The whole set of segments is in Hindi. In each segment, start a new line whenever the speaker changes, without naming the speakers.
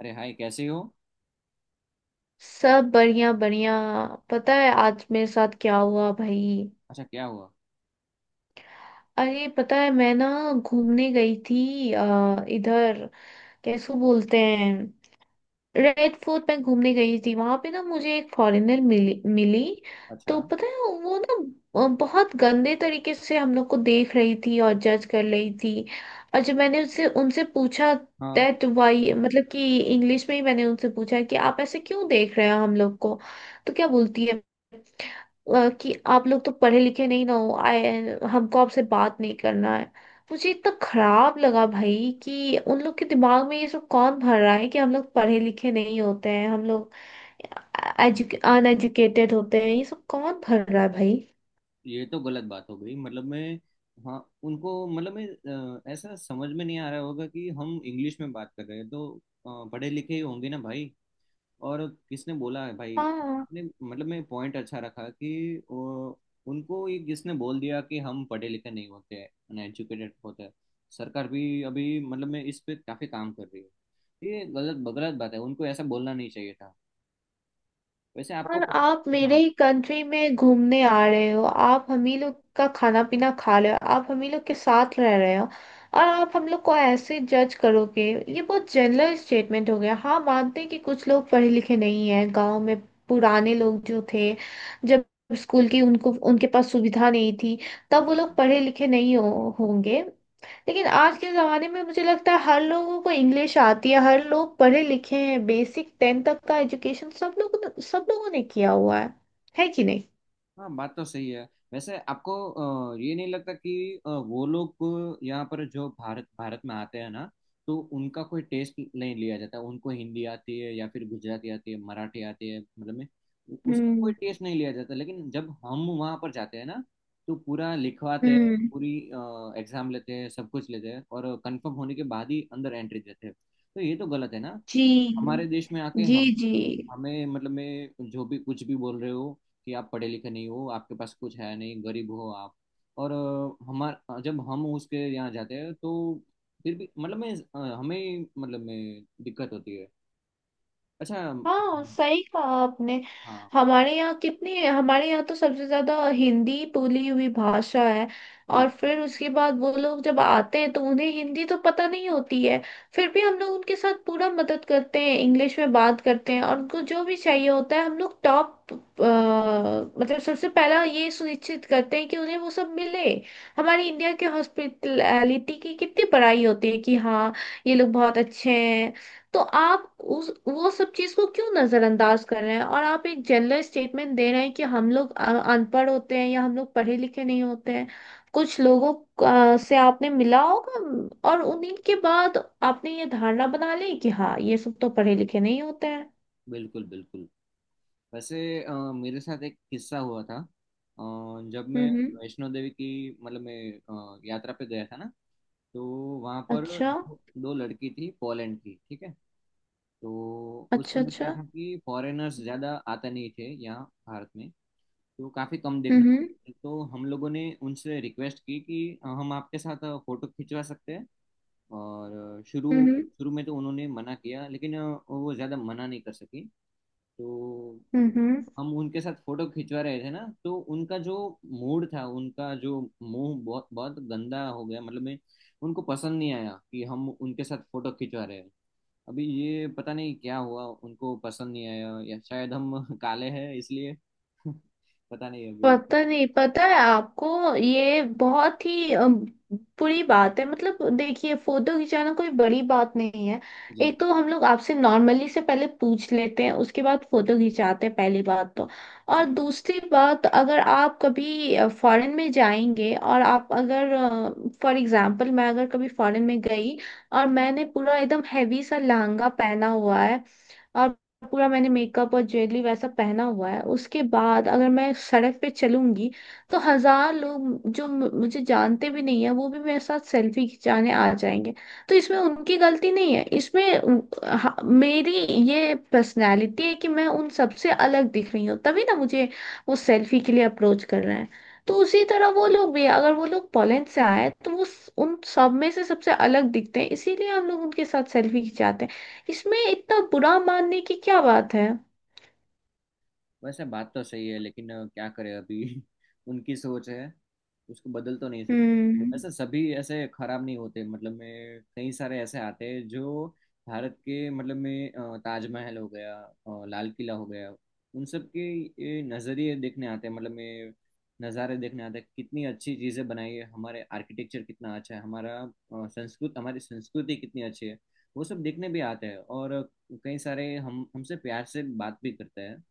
अरे हाय, कैसे हो?
सब बढ़िया बढ़िया। पता है आज मेरे साथ क्या हुआ भाई?
अच्छा, क्या हुआ?
अरे पता है मैं ना घूमने गई थी इधर कैसे बोलते हैं, रेड फोर्ट में घूमने गई थी। वहां पे ना मुझे एक फॉरेनर मिली मिली। तो
अच्छा।
पता है वो ना बहुत गंदे तरीके से हम लोग को देख रही थी और जज कर रही थी। और जब मैंने उससे उनसे पूछा
हाँ।
दैट वाई, मतलब कि इंग्लिश में ही मैंने उनसे पूछा कि आप ऐसे क्यों देख रहे हैं हम लोग को। तो क्या बोलती है, कि आप लोग तो पढ़े लिखे नहीं ना हो आए, हमको आपसे बात नहीं करना है। मुझे इतना खराब लगा भाई, कि उन लोग के दिमाग में ये सब कौन भर रहा है कि हम लोग पढ़े लिखे नहीं होते हैं, हम लोग अनएजुकेटेड होते हैं, ये सब कौन भर रहा है भाई।
ये तो गलत बात हो गई। मतलब मैं, हाँ, उनको मतलब मैं ऐसा समझ में नहीं आ रहा होगा कि हम इंग्लिश में बात कर रहे हैं, तो पढ़े लिखे ही होंगे ना भाई। और किसने बोला है भाई?
हाँ।
आपने मतलब मैं पॉइंट अच्छा रखा कि उनको ये किसने बोल दिया कि हम पढ़े लिखे नहीं होते हैं, अनएजुकेटेड होते हैं। सरकार भी अभी मतलब मैं इस पे काफी काम कर रही है। ये गलत गलत बात है, उनको ऐसा बोलना नहीं चाहिए था। वैसे आपको,
और आप मेरे
हाँ,
ही कंट्री में घूमने आ रहे हो, आप हम ही लोग का खाना पीना खा रहे हो, आप हम ही लोग के साथ रह रहे हो, और आप हम लोग को ऐसे जज करोगे। ये बहुत जनरल स्टेटमेंट हो गया। हाँ, मानते हैं कि कुछ लोग पढ़े लिखे नहीं हैं गांव में, पुराने लोग जो थे, जब स्कूल की उनको उनके पास सुविधा नहीं थी, तब वो लोग पढ़े लिखे नहीं होंगे। लेकिन आज के ज़माने में मुझे लगता है हर लोगों को इंग्लिश आती है, हर लोग पढ़े लिखे हैं, बेसिक 10th तक का एजुकेशन सब लोगों ने किया हुआ है। है कि नहीं?
हाँ बात तो सही है। वैसे आपको ये नहीं लगता कि वो लोग यहाँ पर जो भारत भारत में आते हैं ना, तो उनका कोई टेस्ट नहीं लिया जाता? उनको हिंदी आती है या फिर गुजराती आती है, मराठी आती है, मतलब में उसका कोई
हम्म।
टेस्ट नहीं लिया जाता। लेकिन जब हम वहाँ पर जाते हैं ना, तो पूरा लिखवाते हैं,
हम्म।
पूरी एग्जाम लेते हैं, सब कुछ लेते हैं और कंफर्म होने के बाद ही अंदर एंट्री देते हैं। तो ये तो गलत है ना, हमारे
जी।
देश में आके
जी। जी।
हमें मतलब मैं जो भी कुछ भी बोल रहे हो कि आप पढ़े लिखे नहीं हो, आपके पास कुछ है नहीं, गरीब हो आप। और अ, हमार जब हम उसके यहाँ जाते हैं तो फिर भी मतलब मैं, हमें मतलब मैं दिक्कत होती है। अच्छा।
हाँ, सही कहा आपने।
हाँ।
हमारे यहाँ तो सबसे ज्यादा हिंदी बोली हुई भाषा है। और
बिल्कुल
फिर उसके बाद वो लोग जब आते हैं तो उन्हें हिंदी तो पता नहीं होती है। फिर भी हम लोग उनके साथ पूरा मदद करते हैं, इंग्लिश में बात करते हैं, और उनको जो भी चाहिए होता है हम लोग टॉप, मतलब सबसे पहला ये सुनिश्चित करते हैं कि उन्हें वो सब मिले। हमारे इंडिया के हॉस्पिटलिटी की कितनी बड़ाई होती है, कि हाँ ये लोग बहुत अच्छे हैं। तो आप उस वो सब चीज को क्यों नजरअंदाज कर रहे हैं, और आप एक जनरल स्टेटमेंट दे रहे हैं कि हम लोग अनपढ़ होते हैं या हम लोग पढ़े लिखे नहीं होते हैं। कुछ लोगों से आपने मिला होगा और उन्हीं के बाद आपने ये धारणा बना ली कि हाँ ये सब तो पढ़े लिखे नहीं होते हैं।
बिल्कुल बिल्कुल। वैसे मेरे साथ एक किस्सा हुआ था। जब मैं
हम्म।
वैष्णो देवी की मतलब मैं यात्रा पे गया था ना, तो वहाँ पर
अच्छा,
दो दो लड़की थी पोलैंड की, ठीक है। तो उस
अच्छा,
समय क्या
अच्छा।
था कि फॉरेनर्स ज़्यादा आते नहीं थे यहाँ भारत में, तो काफ़ी कम देखने को
हम्म।
मिलते। तो हम लोगों ने उनसे रिक्वेस्ट की कि हम आपके साथ फ़ोटो खिंचवा सकते हैं? और शुरू
हम्म।
शुरू में तो उन्होंने मना किया लेकिन वो ज़्यादा मना नहीं कर सकी, तो
हम्म। हम्म।
हम उनके साथ फोटो खिंचवा रहे थे ना, तो उनका जो मूड था, उनका जो मुंह बहुत बहुत गंदा हो गया, मतलब मैं उनको पसंद नहीं आया कि हम उनके साथ फोटो खिंचवा रहे हैं। अभी ये पता नहीं क्या हुआ, उनको पसंद नहीं आया, या शायद हम काले हैं इसलिए। पता नहीं अभी।
पता नहीं। पता है आपको, ये बहुत ही बुरी बात है। मतलब देखिए, फोटो खिंचाना कोई बड़ी बात नहीं है।
जी।
एक तो हम लोग आपसे नॉर्मली से पहले पूछ लेते हैं, उसके बाद फोटो खिंचाते हैं, पहली बात तो। और
जी।
दूसरी बात, अगर आप कभी फॉरेन में जाएंगे और आप अगर, फॉर एग्जांपल मैं अगर कभी फॉरेन में गई, और मैंने पूरा एकदम हैवी सा लहंगा पहना हुआ है, और पूरा मैंने मेकअप और ज्वेलरी वैसा पहना हुआ है, उसके बाद अगर मैं सड़क पे चलूंगी, तो हजार लोग जो मुझे जानते भी नहीं है, वो भी मेरे साथ सेल्फी खिंचाने आ जाएंगे। तो इसमें उनकी गलती नहीं है, इसमें मेरी ये पर्सनैलिटी है कि मैं उन सबसे अलग दिख रही हूँ, तभी ना मुझे वो सेल्फी के लिए अप्रोच कर रहे हैं। तो उसी तरह वो लोग भी, अगर वो लोग पोलैंड से आए, तो वो उन सब में से सबसे अलग दिखते हैं, इसीलिए हम लोग उनके साथ सेल्फी खिंचाते हैं। इसमें इतना बुरा मानने की क्या बात है?
वैसे बात तो सही है लेकिन क्या करें, अभी उनकी सोच है, उसको बदल तो नहीं सकते।
हम्म।
वैसे सभी ऐसे खराब नहीं होते, मतलब मैं कई सारे ऐसे आते हैं जो भारत के मतलब में ताजमहल हो गया, लाल किला हो गया, उन सब के ये नज़रिए देखने आते हैं मतलब में, नज़ारे देखने आते हैं। कितनी अच्छी चीज़ें बनाई है, हमारे आर्किटेक्चर कितना अच्छा है, हमारा संस्कृत हमारी संस्कृति कितनी अच्छी है, वो सब देखने भी आते हैं। और कई सारे हम हमसे प्यार से बात भी करते हैं।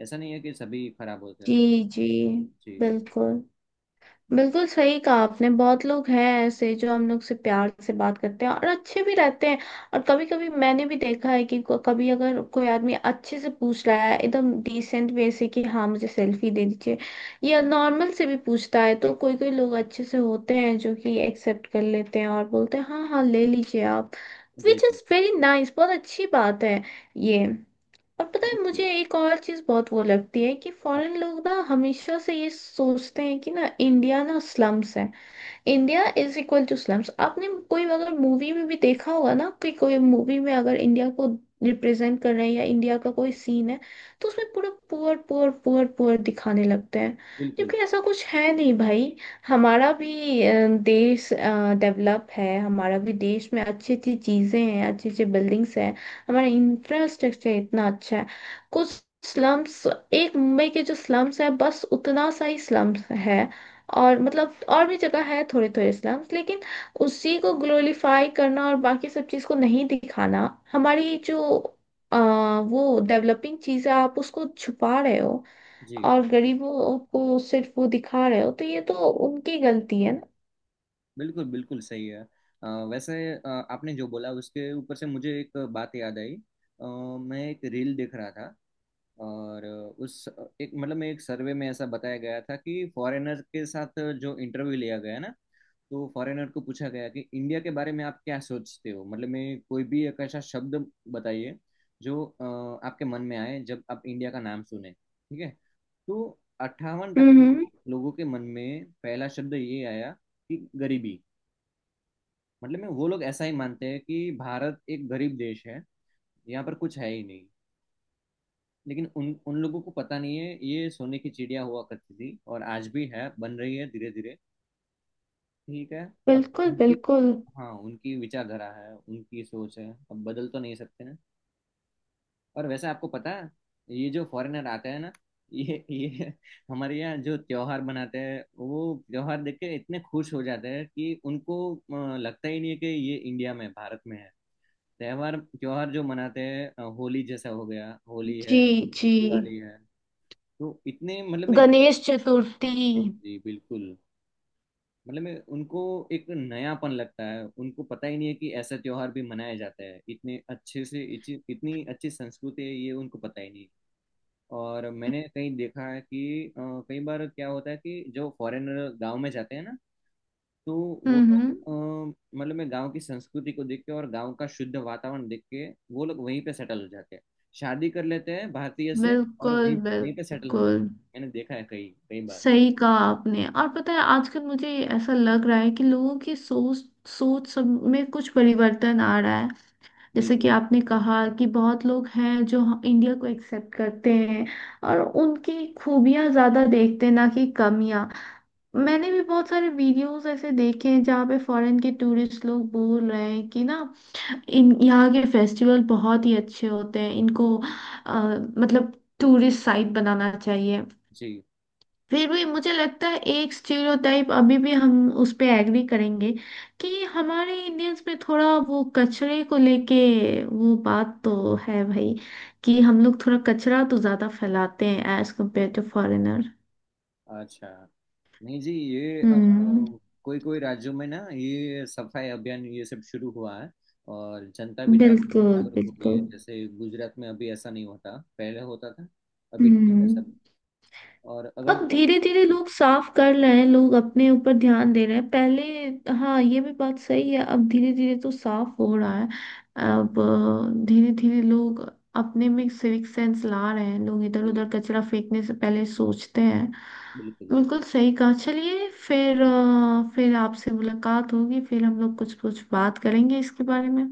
ऐसा नहीं है कि सभी खराब होते
जी,
हैं।
जी,
जी।
बिल्कुल। बिल्कुल सही कहा आपने, बहुत लोग हैं ऐसे जो हम लोग से प्यार से बात करते हैं और अच्छे भी रहते हैं। और कभी कभी मैंने भी देखा है कि कभी अगर कोई आदमी अच्छे से पूछ रहा है, एकदम डिसेंट वे से कि हाँ मुझे सेल्फी दे दीजिए, या नॉर्मल से भी पूछता है, तो कोई कोई लोग अच्छे से होते हैं जो कि एक्सेप्ट कर लेते हैं और बोलते हैं हाँ हाँ ले लीजिए आप।
जी।
विच
जी।
इज़ वेरी नाइस, बहुत अच्छी बात है ये। और पता है
बिल्कुल।
मुझे एक और चीज बहुत वो लगती है, कि
अ-
फॉरेन लोग ना हमेशा से ये सोचते हैं कि ना, इंडिया ना स्लम्स है, India is equal to slums. आपने कोई अगर मूवी में भी देखा होगा ना, कि कोई मूवी में अगर इंडिया को रिप्रेजेंट कर रहे हैं या इंडिया का कोई सीन है, तो उसमें पूरा पुअर पुअर पुअर पुअर दिखाने लगते हैं।
बिल्कुल।
जबकि ऐसा कुछ है नहीं भाई। हमारा भी देश डेवलप है, हमारा भी देश में अच्छी अच्छी चीजें हैं, अच्छी अच्छी बिल्डिंग्स हैं, हमारा इंफ्रास्ट्रक्चर इतना अच्छा है। कुछ स्लम्स, एक मुंबई के जो स्लम्स है बस उतना सा ही स्लम्स है, और मतलब और भी जगह है थोड़े थोड़े इस्लाम्स, लेकिन उसी को ग्लोरीफाई करना और बाकी सब चीज़ को नहीं दिखाना, हमारी जो वो डेवलपिंग चीज़ है आप उसको छुपा रहे हो,
जी,
और गरीबों को सिर्फ वो दिखा रहे हो, तो ये तो उनकी गलती है ना।
बिल्कुल बिल्कुल सही है। वैसे आपने जो बोला उसके ऊपर से मुझे एक बात याद आई। अ, मैं एक रील देख रहा था, और उस एक मतलब मैं एक सर्वे में ऐसा बताया गया था कि फॉरेनर के साथ जो इंटरव्यू लिया गया ना, तो फॉरेनर को पूछा गया कि इंडिया के बारे में आप क्या सोचते हो? मतलब मैं कोई भी एक ऐसा शब्द बताइए जो आपके मन में आए जब आप इंडिया का नाम सुने, ठीक है। तो 58%
हम्म।
लोगों के मन में पहला शब्द ये आया कि गरीबी। मतलब में वो लोग ऐसा ही मानते हैं कि भारत एक गरीब देश है, यहाँ पर कुछ है ही नहीं। लेकिन उन उन लोगों को पता नहीं है, ये सोने की चिड़िया हुआ करती थी और आज भी है, बन रही है धीरे धीरे, ठीक है। अब
बिल्कुल,
उनकी,
बिल्कुल।
हाँ उनकी विचारधारा है, उनकी सोच है, अब बदल तो नहीं सकते हैं। और वैसे आपको पता है, ये जो फॉरेनर आते हैं ना, ये हमारे यहाँ जो त्योहार मनाते हैं, वो त्योहार देख के इतने खुश हो जाते हैं कि उनको लगता ही नहीं है कि ये इंडिया में भारत में है। त्योहार त्योहार जो मनाते हैं, होली जैसा हो गया, होली है,
जी, जी।
दिवाली है, तो इतने मतलब मैं,
गणेश चतुर्थी।
जी बिल्कुल, मतलब मैं उनको एक नयापन लगता है। उनको पता ही नहीं है कि ऐसा त्योहार भी मनाया जाता है इतने अच्छे से, इतनी अच्छी संस्कृति है ये उनको पता ही नहीं। और मैंने कहीं देखा है कि कई बार क्या होता है कि जो फॉरेनर गांव में जाते हैं ना, तो वो लोग
हम्म।
मतलब मैं गांव की संस्कृति को देख के और गांव का शुद्ध वातावरण देख के वो लोग वहीं पे सेटल हो जाते हैं, शादी कर लेते हैं भारतीय से, और
बिल्कुल,
वहीं वहीं पे सेटल हो जाते
बिल्कुल
हैं। मैंने देखा है कई कई बार।
सही कहा आपने। और पता है आजकल मुझे ऐसा लग रहा है कि लोगों की सोच सोच सब में कुछ परिवर्तन आ रहा है। जैसे
बिल्कुल।
कि आपने कहा कि बहुत लोग हैं जो इंडिया को एक्सेप्ट करते हैं और उनकी खूबियां ज्यादा देखते हैं, ना कि कमियां। मैंने भी बहुत सारे वीडियोस ऐसे देखे हैं जहाँ पे फॉरेन के टूरिस्ट लोग बोल रहे हैं कि ना, इन यहाँ के फेस्टिवल बहुत ही अच्छे होते हैं, इनको अ, मतलब टूरिस्ट साइट बनाना चाहिए।
जी।
फिर भी मुझे लगता है एक स्टीरियोटाइप अभी भी हम उस पे एग्री करेंगे, कि हमारे इंडियंस में थोड़ा वो कचरे को लेके वो बात तो है भाई, कि हम लोग थोड़ा कचरा तो ज्यादा फैलाते हैं एज कम्पेयर टू फॉरेनर।
अच्छा। नहीं जी, ये
हम्म।
कोई कोई राज्यों में ना ये सफाई अभियान ये सब शुरू हुआ है, और जनता भी जागरूक
बिल्कुल,
जागरूक हो रही
बिल्कुल।
है। जैसे गुजरात में अभी ऐसा नहीं होता, पहले होता था, अभी ठीक है
हम्म।
सब। और अगर,
अब धीरे धीरे लोग साफ कर रहे हैं, लोग अपने ऊपर ध्यान दे रहे हैं पहले। हाँ ये भी बात सही है, अब धीरे धीरे तो साफ हो रहा है।
बिल्कुल।
अब धीरे धीरे लोग अपने में सिविक सेंस ला रहे हैं, लोग इधर
जी।
उधर कचरा फेंकने से पहले सोचते हैं।
बिल्कुल।
बिल्कुल सही कहा। चलिए फिर फिर आपसे मुलाकात होगी, फिर हम लोग कुछ कुछ बात करेंगे इसके बारे में।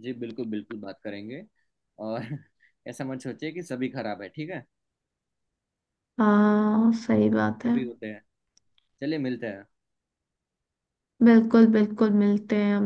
जी बिल्कुल बिल्कुल बात करेंगे। और ऐसा मत सोचिए कि सभी खराब है, ठीक है।
हाँ सही बात है।
सभी होते हैं। चलिए, मिलते हैं।
बिल्कुल बिल्कुल, मिलते हैं हम।